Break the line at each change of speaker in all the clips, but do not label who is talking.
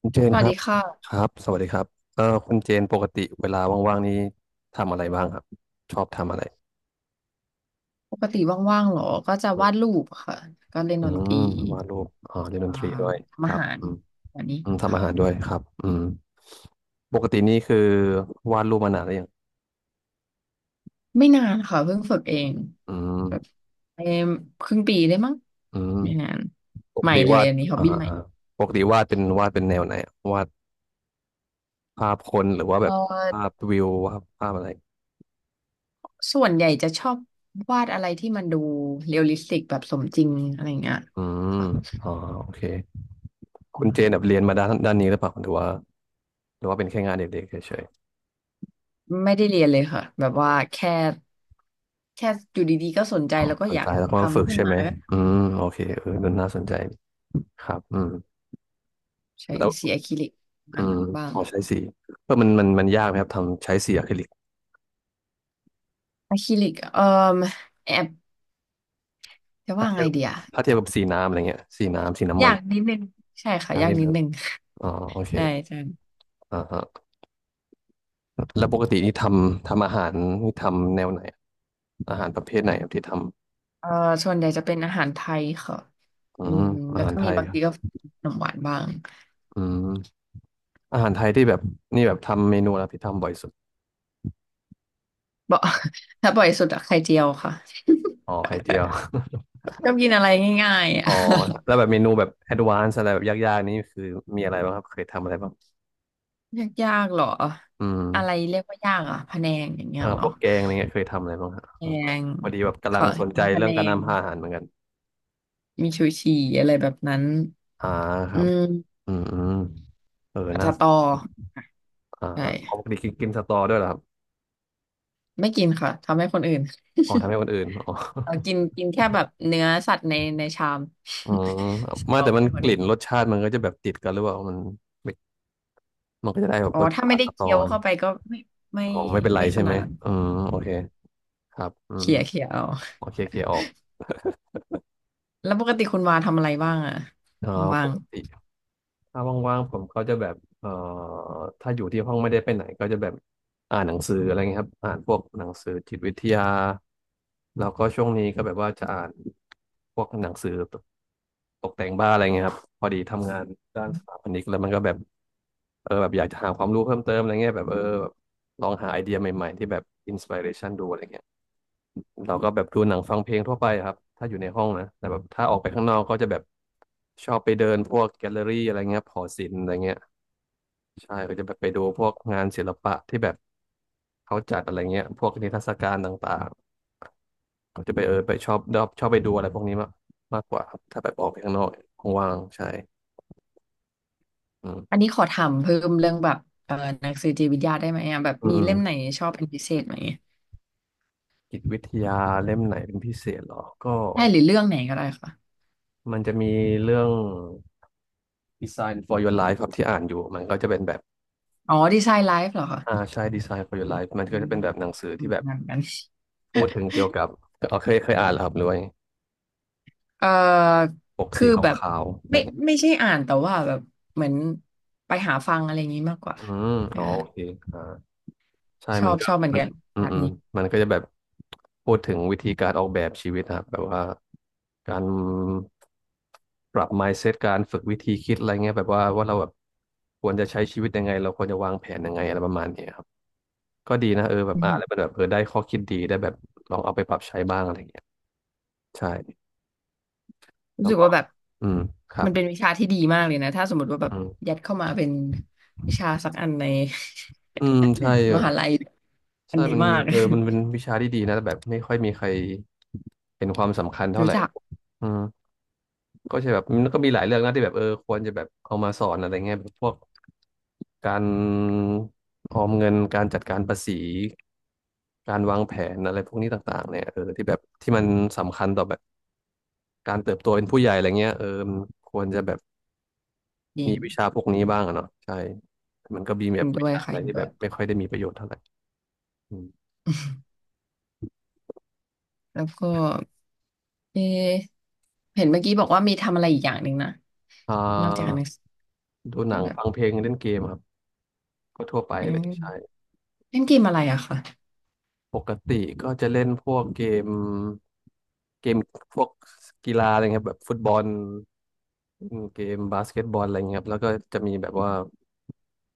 คุณเจ
ส
นค
วัส
รั
ดี
บ
ค่ะ
ครับสวัสดีครับคุณเจนปกติเวลาว่างๆนี้ทำอะไรบ้างครับชอบทำอะไร
ปกติว่างๆเหรอก็จะ
อื
วาด
ม
รูปค่ะก็เล่น
อื
ดนต
ม
รี
วาดรูปอ๋อเล่นดน
อ่า
ตรีด้วยค
ทำอา
รับ
หาร
อืม
แบบนี้
อืมทำ
ค่ะ
อาหารด้วยครับอืมปกตินี่คือวาดรูปมานานหรือยัง
ไม่นานค่ะเพิ่งฝึกเอง
อื
แบบ
ม
เอ่มครึ่งปีได้มั้ง
อืม
ไม่นาน
ปก
ใหม่
ติ
เลย
วาด
อันนี้ฮอบ
อ่า
บี้ใหม่
อ่าปกติวาดเป็นแนวไหนอะวาดภาพคนหรือว่าแบ
เอ
บภาพ
อ
วิววาดภาพอะไร
ส่วนใหญ่จะชอบวาดอะไรที่มันดูเรียลลิสติกแบบสมจริงอะไรอย่างเงี้ย
อืม
ค่ะ
อ๋อโอเค
อื
คุณเจน
ม
แบบเรียนมาด้านนี้หรือเปล่าหรือว่าเป็นแค่งานเด็กๆเฉย
ไม่ได้เรียนเลยค่ะแบบว่าแค่แค่อยู่ดีๆก็สนใจ
อ๋อ
แล้วก็
ส
อ
น
ยา
ใจ
ก
แล้วก็มาฝึก
ทำขึ้น
ใช่ไห
มา
มอืมโอเคเออน่าสนใจครับอืม
ใช้
แล้ว
สีอะคริลิก
อื
มัน
ม
บ้า
พ
ง
อใช้สีเออมันยากไหมครับทำใช้สีอะคริลิก
อะคริลิกแอบจะ
ถ้า
ว่า
เทีย
ไง
บ
เดีย
ถ้าเทียบกับสีน้ำอะไรเงี้ยสีน้ำมั
ยา
น
กนิดนึงใช่ค่ะ
ยาก
ยาก
นิด
นิ
นึ
ด
ง
นึง
อ๋อโอเค
ใช่ใช่
อ่าฮะแล้วปกตินี่ทำอาหารนี่ทำแนวไหน อาหารประเภทไหนครับที่ทำ
เอ่อส่วนใหญ่จะเป็นอาหารไทยค่ะ
อื
อื
ม
ม
อา
แล้ว
หาร
ก็
ไท
มี
ย
บาง
ครั
ที
บ
ก็ขนมหวานบ้าง
อืมอาหารไทยที่แบบนี่แบบทำเมนูอะไรที่ทำบ่อยสุด
บ่ ถ้าบ่อยสุดอะไข่เจียวค่ะ
อ๋อไข่เจียว
ชอบกินอะไรง่ายๆอะ
อ๋อแล้วแบบเมนูแบบแอดวานซ์อะไรแบบยากๆนี่คือมีอะไรบ้างครับเคยทำอะไรบ้าง
ยากๆหรอ
อื
อะไร
ม
เรียกว่ายากอะพะแนงอย่างเงี้ย
อ่า
เหร
พ
อ
วกแกงอะไรเงี้ยเคยทำอะไรบ้างครับ
แพง
พอดีแบบกำลัง
ค่ะ
สนใจ
มีพะ
เรื่
แน
องการ
ง
นำอาหารเหมือนกัน
มีชูชีอะไรแบบนั้น
อ่าค
อื
รับ
ม
อืมอืมเออ
ผัด
น่า
สะตอ
อ่า
ใช
เอาปก
่
ติกินกินสตอด้วยเหรอครับ
ไม่กินค่ะทำให้คนอื่น
อ๋อทำให้คนอื่นอ๋อ
เรากินกินแค่แบบเนื้อสัตว์ในชาม
อืม ไมา
เอา
แต่มัน
ให้ค
ก
นอื่
ลิ่
น
นรสชาติมันก็จะแบบติดกันหรือเปล่ามันไม่มันก็จะได้แบบ
อ๋อ
รส
ถ้า
ชา
ไม่
ติ
ได้
สตอ
เคี้ยว
นะ
เข้าไปก็ไม่ไม่
อ๋อไม่เป็นไร
ไม่ข
ใช่
นา
ไหม
ดนั้น
อืมโอเคครับอืม
เขี่ยเอา
โอเคเคลียร์ออก
แล้วปกติคุณวาทำอะไรบ้างอะ
อ๋อ
บ้า
ป
ง
กติ ถ้าว่างๆผมก็จะแบบถ้าอยู่ที่ห้องไม่ได้ไปไหนก็จะแบบอ่านหนังสืออะไรเงี้ยครับอ่านพวกหนังสือจิตวิทยาแล้วก็ช่วงนี้ก็แบบว่าจะอ่านพวกหนังสือตกแต่งบ้านอะไรเงี้ยครับพอดีทำงานด้านสถาปนิกแล้วมันก็แบบเออแบบอยากจะหาความรู้เพิ่มเติมอะไรเงี้ยแบบเออแบบลองหาไอเดียใหม่ๆที่แบบอินส i r เรชันดูอะไรเงี้ย เราก็แบบดูหนังฟังเพลงทั่วไปครับถ้าอยู่ในห้องนะแต่แบบถ้าออกไปข้างนอกก็จะแบบชอบไปเดินพวกแกลเลอรี่อะไรเงี้ยหอศิลป์อะไรเงี้ยใช่ก็จะแบบไปดูพวกงานศิลปะที่แบบเขาจัดอะไรเงี้ยพวกนิทรรศการต่างๆก็จะไปเออไปชอบไปดูอะไรพวกนี้มากมากกว่าครับถ้าแบบออกไปข้างนอกว่างๆใช่อื
ๆอัน
ม
นี้ขอถามเพิ่มเรื่องแบบเอ่อหนังสือจิตวิทยาได้ไหมอะแบบ
อืม
มี
อืม
เล่มไหนชอบเป็นพิเศษไหม
จิตวิทยาเล่มไหนเป็นพิเศษเหรอก็
ใช่หรือเรื่องไหนก็ได้ค่ะ
มันจะมีเรื่อง Design for Your Life ครับที่อ่านอยู่มันก็จะเป็นแบบ
อ๋อดีไซน์ไลฟ์เหรอคะ
อ่าใช่ Design for Your Life มันก็
อื
จะ
ม
เป็นแบบหนังสือ
อื
ที่
ม
แบบ
งานกัน
พูดถึงเกี่ยวกับเอาเคยอ่านแล้วครับด้วย
เอ่อ
ปก
คื
สี
อ
ข
แบบ
าวๆอะไร
ไม่
เงี้ย
ใช่อ่านแต่ว่าแบบเหมือนไปหาฟังอะไรอย่างนี้มากกว่า
อืม
เอ่อ
อ๋อโอเคอ่าใช่
ชอ
มัน
บ
ก็
ชอบเหมือน
มัน
กัน
อืม
ศาสต
อื
ร์
ม
นี้
มันก็จะแบบพูดถึงวิธีการออกแบบชีวิตนะครับแบบว่าการปรับ mindset การฝึกวิธีคิดอะไรเงี้ยแบบว่าเราแบบควรจะใช้ชีวิตยังไงเราควรจะวางแผนยังไงอะไรประมาณนี้ครับก็ดีนะเออแบบ
อื
อ่าน
ม
แล้วมันแบบเออได้ข้อคิดดีได้แบบลองเอาไปปรับใช้บ้างอะไรเงี้ยใช่
รู้
แล้ว
สึก
ก็
ว่าแบบ
อืมครั
มั
บ
นเป็นวิชาที่ดีมากเลยนะถ้าสมมติว่าแบบ
อืม
ยัดเข้ามาเป็นวิชาสักอันใน
อืมใช่ แบ
ม
บ
หาลัยอั
ใช่
นดี
มัน
มาก
เออมันเป็นวิชาที่ดีนะแต่แบบไม่ค่อยมีใครเห็นความสำคัญ เท่าไห
รู้
ร่
จัก
อืมก็ใช่แบบมันก็มีหลายเรื่องนะที่แบบเออควรจะแบบเอามาสอนอะไรเงี้ยแบบพวกการออมเงินการจัดการภาษีการวางแผนอะไรพวกนี้ต่างๆเนี่ยเออที่แบบที่มันสำคัญต่อแบบการเติบโตเป็นผู้ใหญ่อะไรเงี้ยเออมันควรจะแบบ
จริ
มี
ง
วิชาพวกนี้บ้างอะเนาะใช่มันก็มีแบ
เห็
บ
นด้
วิ
วย
ชาอะ
ค่ะ
ไร
เห็น
ที่
ด้
แบ
วย
บไม่ค่อยได้มีประโยชน์เท่าไหร่ อืม
แล้วก็เออเห็นเมื่อกี้บอกว่ามีทำอะไรอีกอย่างหนึ่งนะ
อ่
นอกจากอ่านห
า
นังสื
ดูหนั
อ
ง
แบบ
ฟังเพลงเล่นเกมครับก็ทั่วไปเลยใช่
เล่นเกมอะไรอะค่ะ
ปกติก็จะเล่นพวกเกมเกมพวกกีฬาอะไรเงี้ยครับแบบฟุตบอลอืมเกมบาสเกตบอลอะไรเงี้ยครับแล้วก็จะมีแบบว่า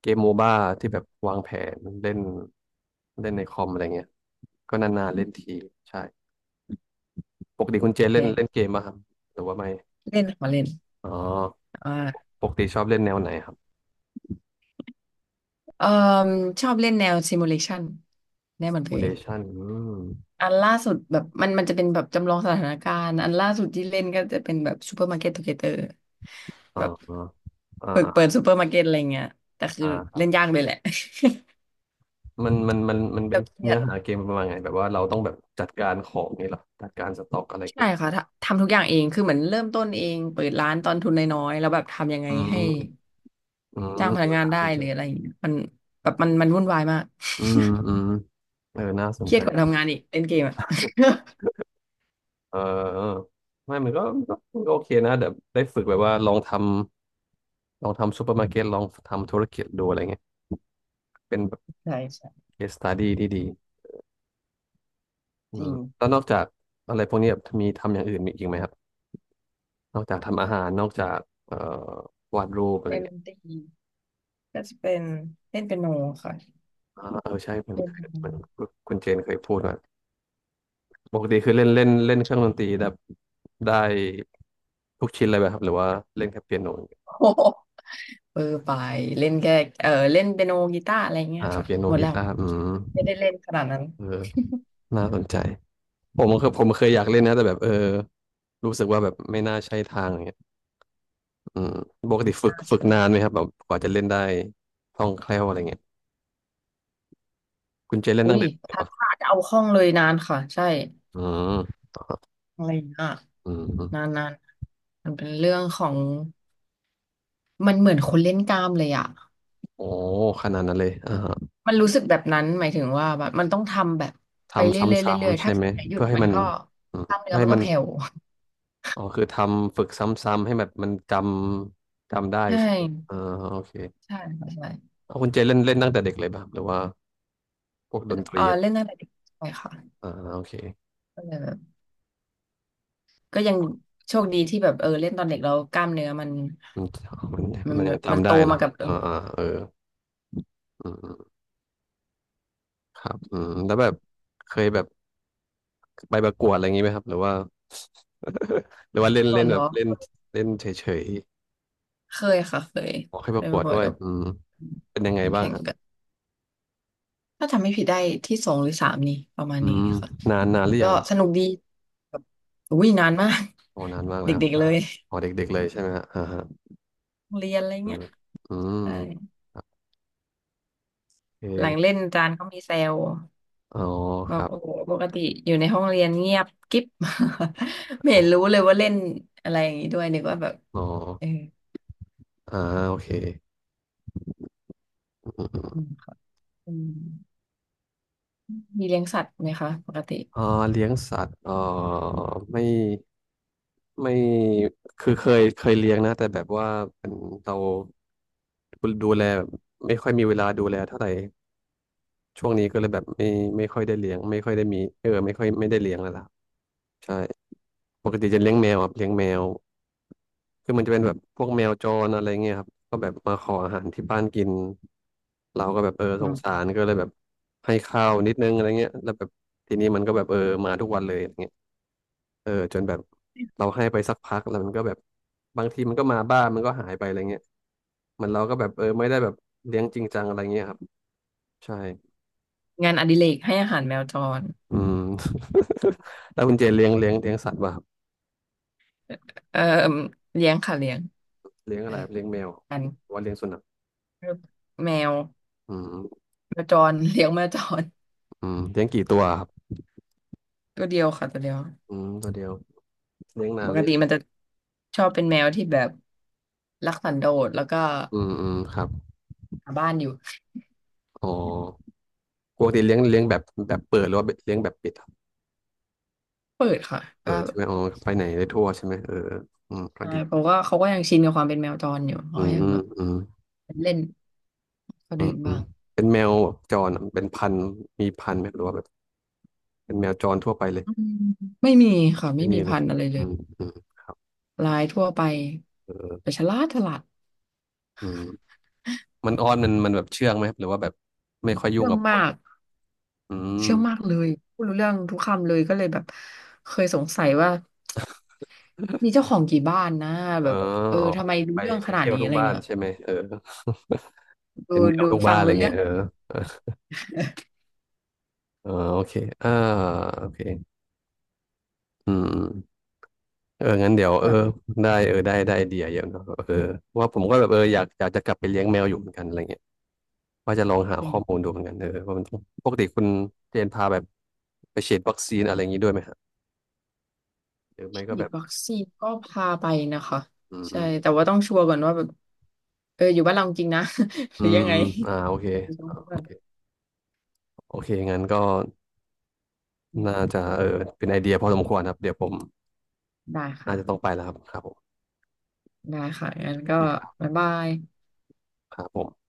เกมโมบ้าที่แบบวางแผนเล่นเล่นในคอมอะไรเงี้ยก็นานๆเล่นทีใช่ปกติคุณเจนเล่
เล่
น
น
เล่นเกมป่ะครับหรือว่าไม่
เล่นมาเล่น
อ๋อ
อ่า
ปกติชอบเล่นแนวไหนครับ
เอ่อชอบเล่นแนว simulation แน่เหมือนตัวเอง
Simulation อืม
อันล่าสุดแบบมันจะเป็นแบบจำลองสถานการณ์อันล่าสุดที่เล่นก็จะเป็นแบบ Supermarket Together
อ๋อ
แบบ
อ๋ออ่
เปิด
า
ซูเปอร์มาร์เก็ตอะไรเงี้ยแต่คื
อ่า
อ
ครับ
เล่นยากเลยแหละ
มันมัน เป็
แต่
น
เครีย
เนื้อ
ด
หาเกมประมาณไง แบบว่าเราต้องแบบจัดการของนี่เหรอจัดการสต็อกอะไร
ใช่
เงี้ย
ค่ะทำทุกอย่างเองคือเหมือนเริ่มต้นเองเปิดร้านตอนทุนน้อยๆแล้วแบบทำยังไง
อื
ให้
มอืม
จ้างพ
เอ
นั
อ
กงาน
น่า
ได้
สนใจ
หรืออะไรอย่างเงี้ยมันแบบมันวุ่นวายมาก
อืมอืมเออน่าสน
เครี
ใจ
ยดกว่าทำงานอีกเล่นเกมอะ
เออเออไม่มันก็โอเคนะเดี๋ยวได้ฝึกแบบว่าลองทำลองทำซูเปอร์มาร์เก็ตลองทำธุรกิจดูอะไรเงี้ยเป็นแบบ
ใช่ใช่
case study ที่ดีอื
จ
ม
ริง
แล้วนอกจากอะไรพวกนี้แบบมีทำอย่างอื่นมีอีกไหมครับ นอกจากทำอาหาร นอกจากเอ่อวาดรูปอะไร
ในด
เงี้ย
นตรีก็จะเป็นเล่นเปียโนค่ะ
อ่าเออใช่ผมัน
เล่นเป็น
มันคุณเจนเคยพูดว่า ปกติคือเล่นเล่นเล่นเครื่องดนตรีแบบได้ทุกชิ้นเลยไหมครับหรือว่าเล่นแค่เปียโนอย่างเดียว
โอ้โหเออไปเล่นแค่เออเล่นเปียโนกีตาร์อะไรเงี้ย
อ่า
ค่ะ
เปียโน
หมด
กี
แล้ว
ตาร์อืม
ไม่ได้เล่นขนาดนั้น
เออน่าสนใจผมเคยอยากเล่นนะแต่แบบเออรู้สึกว่าแบบไม่น่าใช่ทางอย่างเงี้ยอืมปกติฝึก
ยาก
ฝึก
ใช่ไหม
นานไหมครับแบบกว่าจะเล่นได้คล่องแคล่วอะไรเงี้ยคุณเจเล่น
อุ้
ตั้ง
ย
แต่เด็กเลย
ถ้า
ปะ
จะเอาคล่องเลยนานค่ะใช่
อืม
อะไรนะ
อืม
นานนานมันเป็นเรื่องของมันเหมือนคนเล่นกล้ามเลยอ่ะ
โอ้ขนาดนั้นเลยอ่าฮะ
มันรู้สึกแบบนั้นหมายถึงว่าแบบมันต้องทำแบบไป
ทำซ
เรื่อยๆเรื่อ
้ำ
ย
ๆ
ๆ
ใช่
ถ้า
ไห
ช่
ม
วงไหนหยุด
เพื่อให้
มัน
มัน
ก็
อื
ก
ม
ล้ามเนื้
เพื่
อ
อ
มั
ให้
นก็
มัน
แผ่ว
อ๋อคือทำฝึกซ้ำๆให้แบบมันจำได้
ใช่
ใช่ไหมอ่าโอเค
ใช่ค่ะใช่
เอาคุณเจเล่นเล่นตั้งแต่เด็กเลยป่ะหรือว่าพวกดนต
เอ
รี
อ
อะ
เล่นตั้งแต่เด็กใช่ค่ะ
อ่าโอเค
ก็เลยแบบก็ยังโชคดีที่แบบเออเล่นตอนเด็กแล้วกล้ามเนื้อมัน
มัน
มั
มัน
น
มัน
แบ
ยัง
บมัน
จำ
โต
ได้
มา
เนาะ
กับเออ
อ่าอ่าเอออืมอืมครับอืมแล้วแบบเคยแบบไปประกวดอะไรอย่างงี้ไหมครับหรือว่า หรือว่าเล่น
ก่
เล่
อน
น
เหร
แบ
อ
บเล่นเล่นเฉย
เคยค่ะเคย
ๆออกให้
เค
ประ
ย
กว
มา
ด
บ่อย
ด้วย
กับ
อืมเป็นยังไงบ้าง
แข่
ค
ง
รับ
กันถ้าจำไม่ผิดได้ที่สองหรือสามนี่ประมาณ
อื
นี้
ม
ค่ะ
นานนานหรือ
ก็
ยังอะ
สนุกดีแบบอุ้ยนานมาก
อ๋อนานมาก แล้ว
เด็กๆ
อ่า
เลย
อ๋อเด็กๆเลยใช่ไหมฮะอ่าฮะ
โรงเรียนอะไร
เออ
เงี้ย
อืม
ใช่
เ
หลัง
ค
เล่นอาจารย์ก็มีแซว
อ๋อ
บ
ค
อก
รับ
โอ้โหปกติอยู่ในห้องเรียนเงียบกิ๊บ ไม่
อ๋อ
เห็นรู้เลยว่าเล่นอะไรอย่างนี้ด้วยนึกว่าแบบ
อ๋อ
เออ
อ่าโอเคอืมอืม
อืมค่ะอืมมีเลี้ยงสัตว์ไหมคะปกติ
อ่าเลี้ยงสัตว์ไม่ไม่คือเคยเลี้ยงนะแต่แบบว่าเป็นเราดูแลแบบไม่ค่อยมีเวลาดูแลเท่าไหร่ช่วงนี้ก็เลยแบบไม่ค่อยได้เลี้ยงไม่ค่อยได้มีไม่ค่อยไม่ได้เลี้ยงแล้วล่ะใช่ปกติจะเลี้ยงแมวครับเลี้ยงแมว คือมันจะเป็นแบบพวกแมวจรอะไรเงี้ยครับก็แบบมาขออาหารที่บ้านกินเราก็แบบ
อื
สงสา
ม
รก็เลยแบบให้ข้าวนิดนึงอะไรเงี้ยแล้วแบบทีนี้มันก็แบบมาทุกวันเลยอย่างเงี้ยจนแบบเราให้ไปสักพักแล้วมันก็แบบบางทีมันก็มาบ้านมันก็หายไปอะไรเงี้ยเหมันเราก็แบบไม่ได้แบบเลี้ยงจริงจังอะไรเงี้ยครับใช่
งานอดิเรกให้อาหารแมวจร
อืม แล้วคุณเจเลี้ยงสัตว์ป่ะครับ
เออเลี้ยงค่ะเลี้ยง
เลี้ยง
เอ
อะ
อ
ไรครับเลี้ยงแมวห
กั
รื
น
อว่าเลี้ยงสุนัข
แมวแมว
อืม
จร เลี้ยงแมวจร
อืมเลี้ยงกี่ตัวครับ
ตัวเดียวค่ะตัวเดียว
อืมตัวเดียวเลี้ยงนาน
ป
หรื
ก
อยั
ติ
ง
มันจะชอบเป็นแมวที่แบบรักสันโดษแล้วก็
อืมอืมครับ
หาบ้านอยู่
อ๋อปกติเลี้ยงแบบแบบเปิดหรือว่าเลี้ยงแบบปิดครับ
เปิดค่ะ
เปิ
ก็
ดใช่ไหมอ๋อไปไหนได้ทั่วใช่ไหมเออเอออืมก็
ใช่
ดี
เพราะว่าเขาก็ยังชินกับความเป็นแมวจรอยู่
อื
เขา
ม
ยั
อื
ง
ม
แบบ
อืม
เล่นเขา
อื
เดิ
ม
น
อืม
บ้าง
เป็นแมวแบบจรอะเป็นพันธุ์มีพันธุ์ไหมหรือว่าแบบเป็นแมวจรทั่วไปเลย
อืมไม่มีค่ะ
ไม่
ไม่มี
มีเล
พั
ย
นธุ์อะไรเล
อื
ย
มอืมครับ
ลายทั่วไป
เออ
แต่ฉลาดฉลาด
อืมมันอ้อนมันแบบเชื่องไหมครับหรือว่าแบบไม่ค่อยยุ่ง
เชื่อง
กับค
มา
น
ก
อื
เชื่องมาก
ม
เลยพูดรู้เรื่องทุกคำเลยก็เลยแบบเคยสงสัยว่ามีเจ้าของกี่บ้านนะ
เออ
แบบเออ
อ๋อ
ทำไมรู้
ไป
เรื่อง
ไป
ขนาด
เที่ยว
นี้
ทุ
อะ
ก
ไร
บ้าน
เงี้ย
ใช่ไหมเออ
ดู
เป็นแมว
ดู
ทุก
ฟั
บ้าน
ง
อะไร
รู้เรื่
เงี้
อ
ย
ง
เออเออโอเคอ่าโอเค อืมเอองั้นเดี๋ยว
แบบ
ได้ได้ไอเดียเยอะเนอะเออว่าผมก็แบบเอออยากจะกลับไปเลี้ยงแมวอยู่เหมือนกันอะไรเงี้ยว่าจะลองหา
เป็น
ข้อ
แบบ
มูลดูเหมือนกันว่ามันต้องปกติคุณเจนพาแบบไปฉีดวัคซีนอะไรอย่างนี้ด้วยไหมฮะหรือไม่ก็
ฉี
แบ
ด
บ
วัคซีนก็พาไปนะคะ
อื
ใช่
ม
แต่ว่าต้องชัวร์ก่อนว่าแบบเอออยู่บ้านเราจริงนะ ห
อื
รือ
ม
ยังไง
อืมอ่าโอเค
ต้องแบบ
โอเคงั้นก็น่าจะเป็นไอเดียพอสมควรครับเดี๋ยวผม
ได้
น่า
ค่ะ
จะต้องไปแล้วครับครับผม
ได้ค่ะงั้น
โอ
ก็
เคครับ
บ๊ายบาย
ครับผม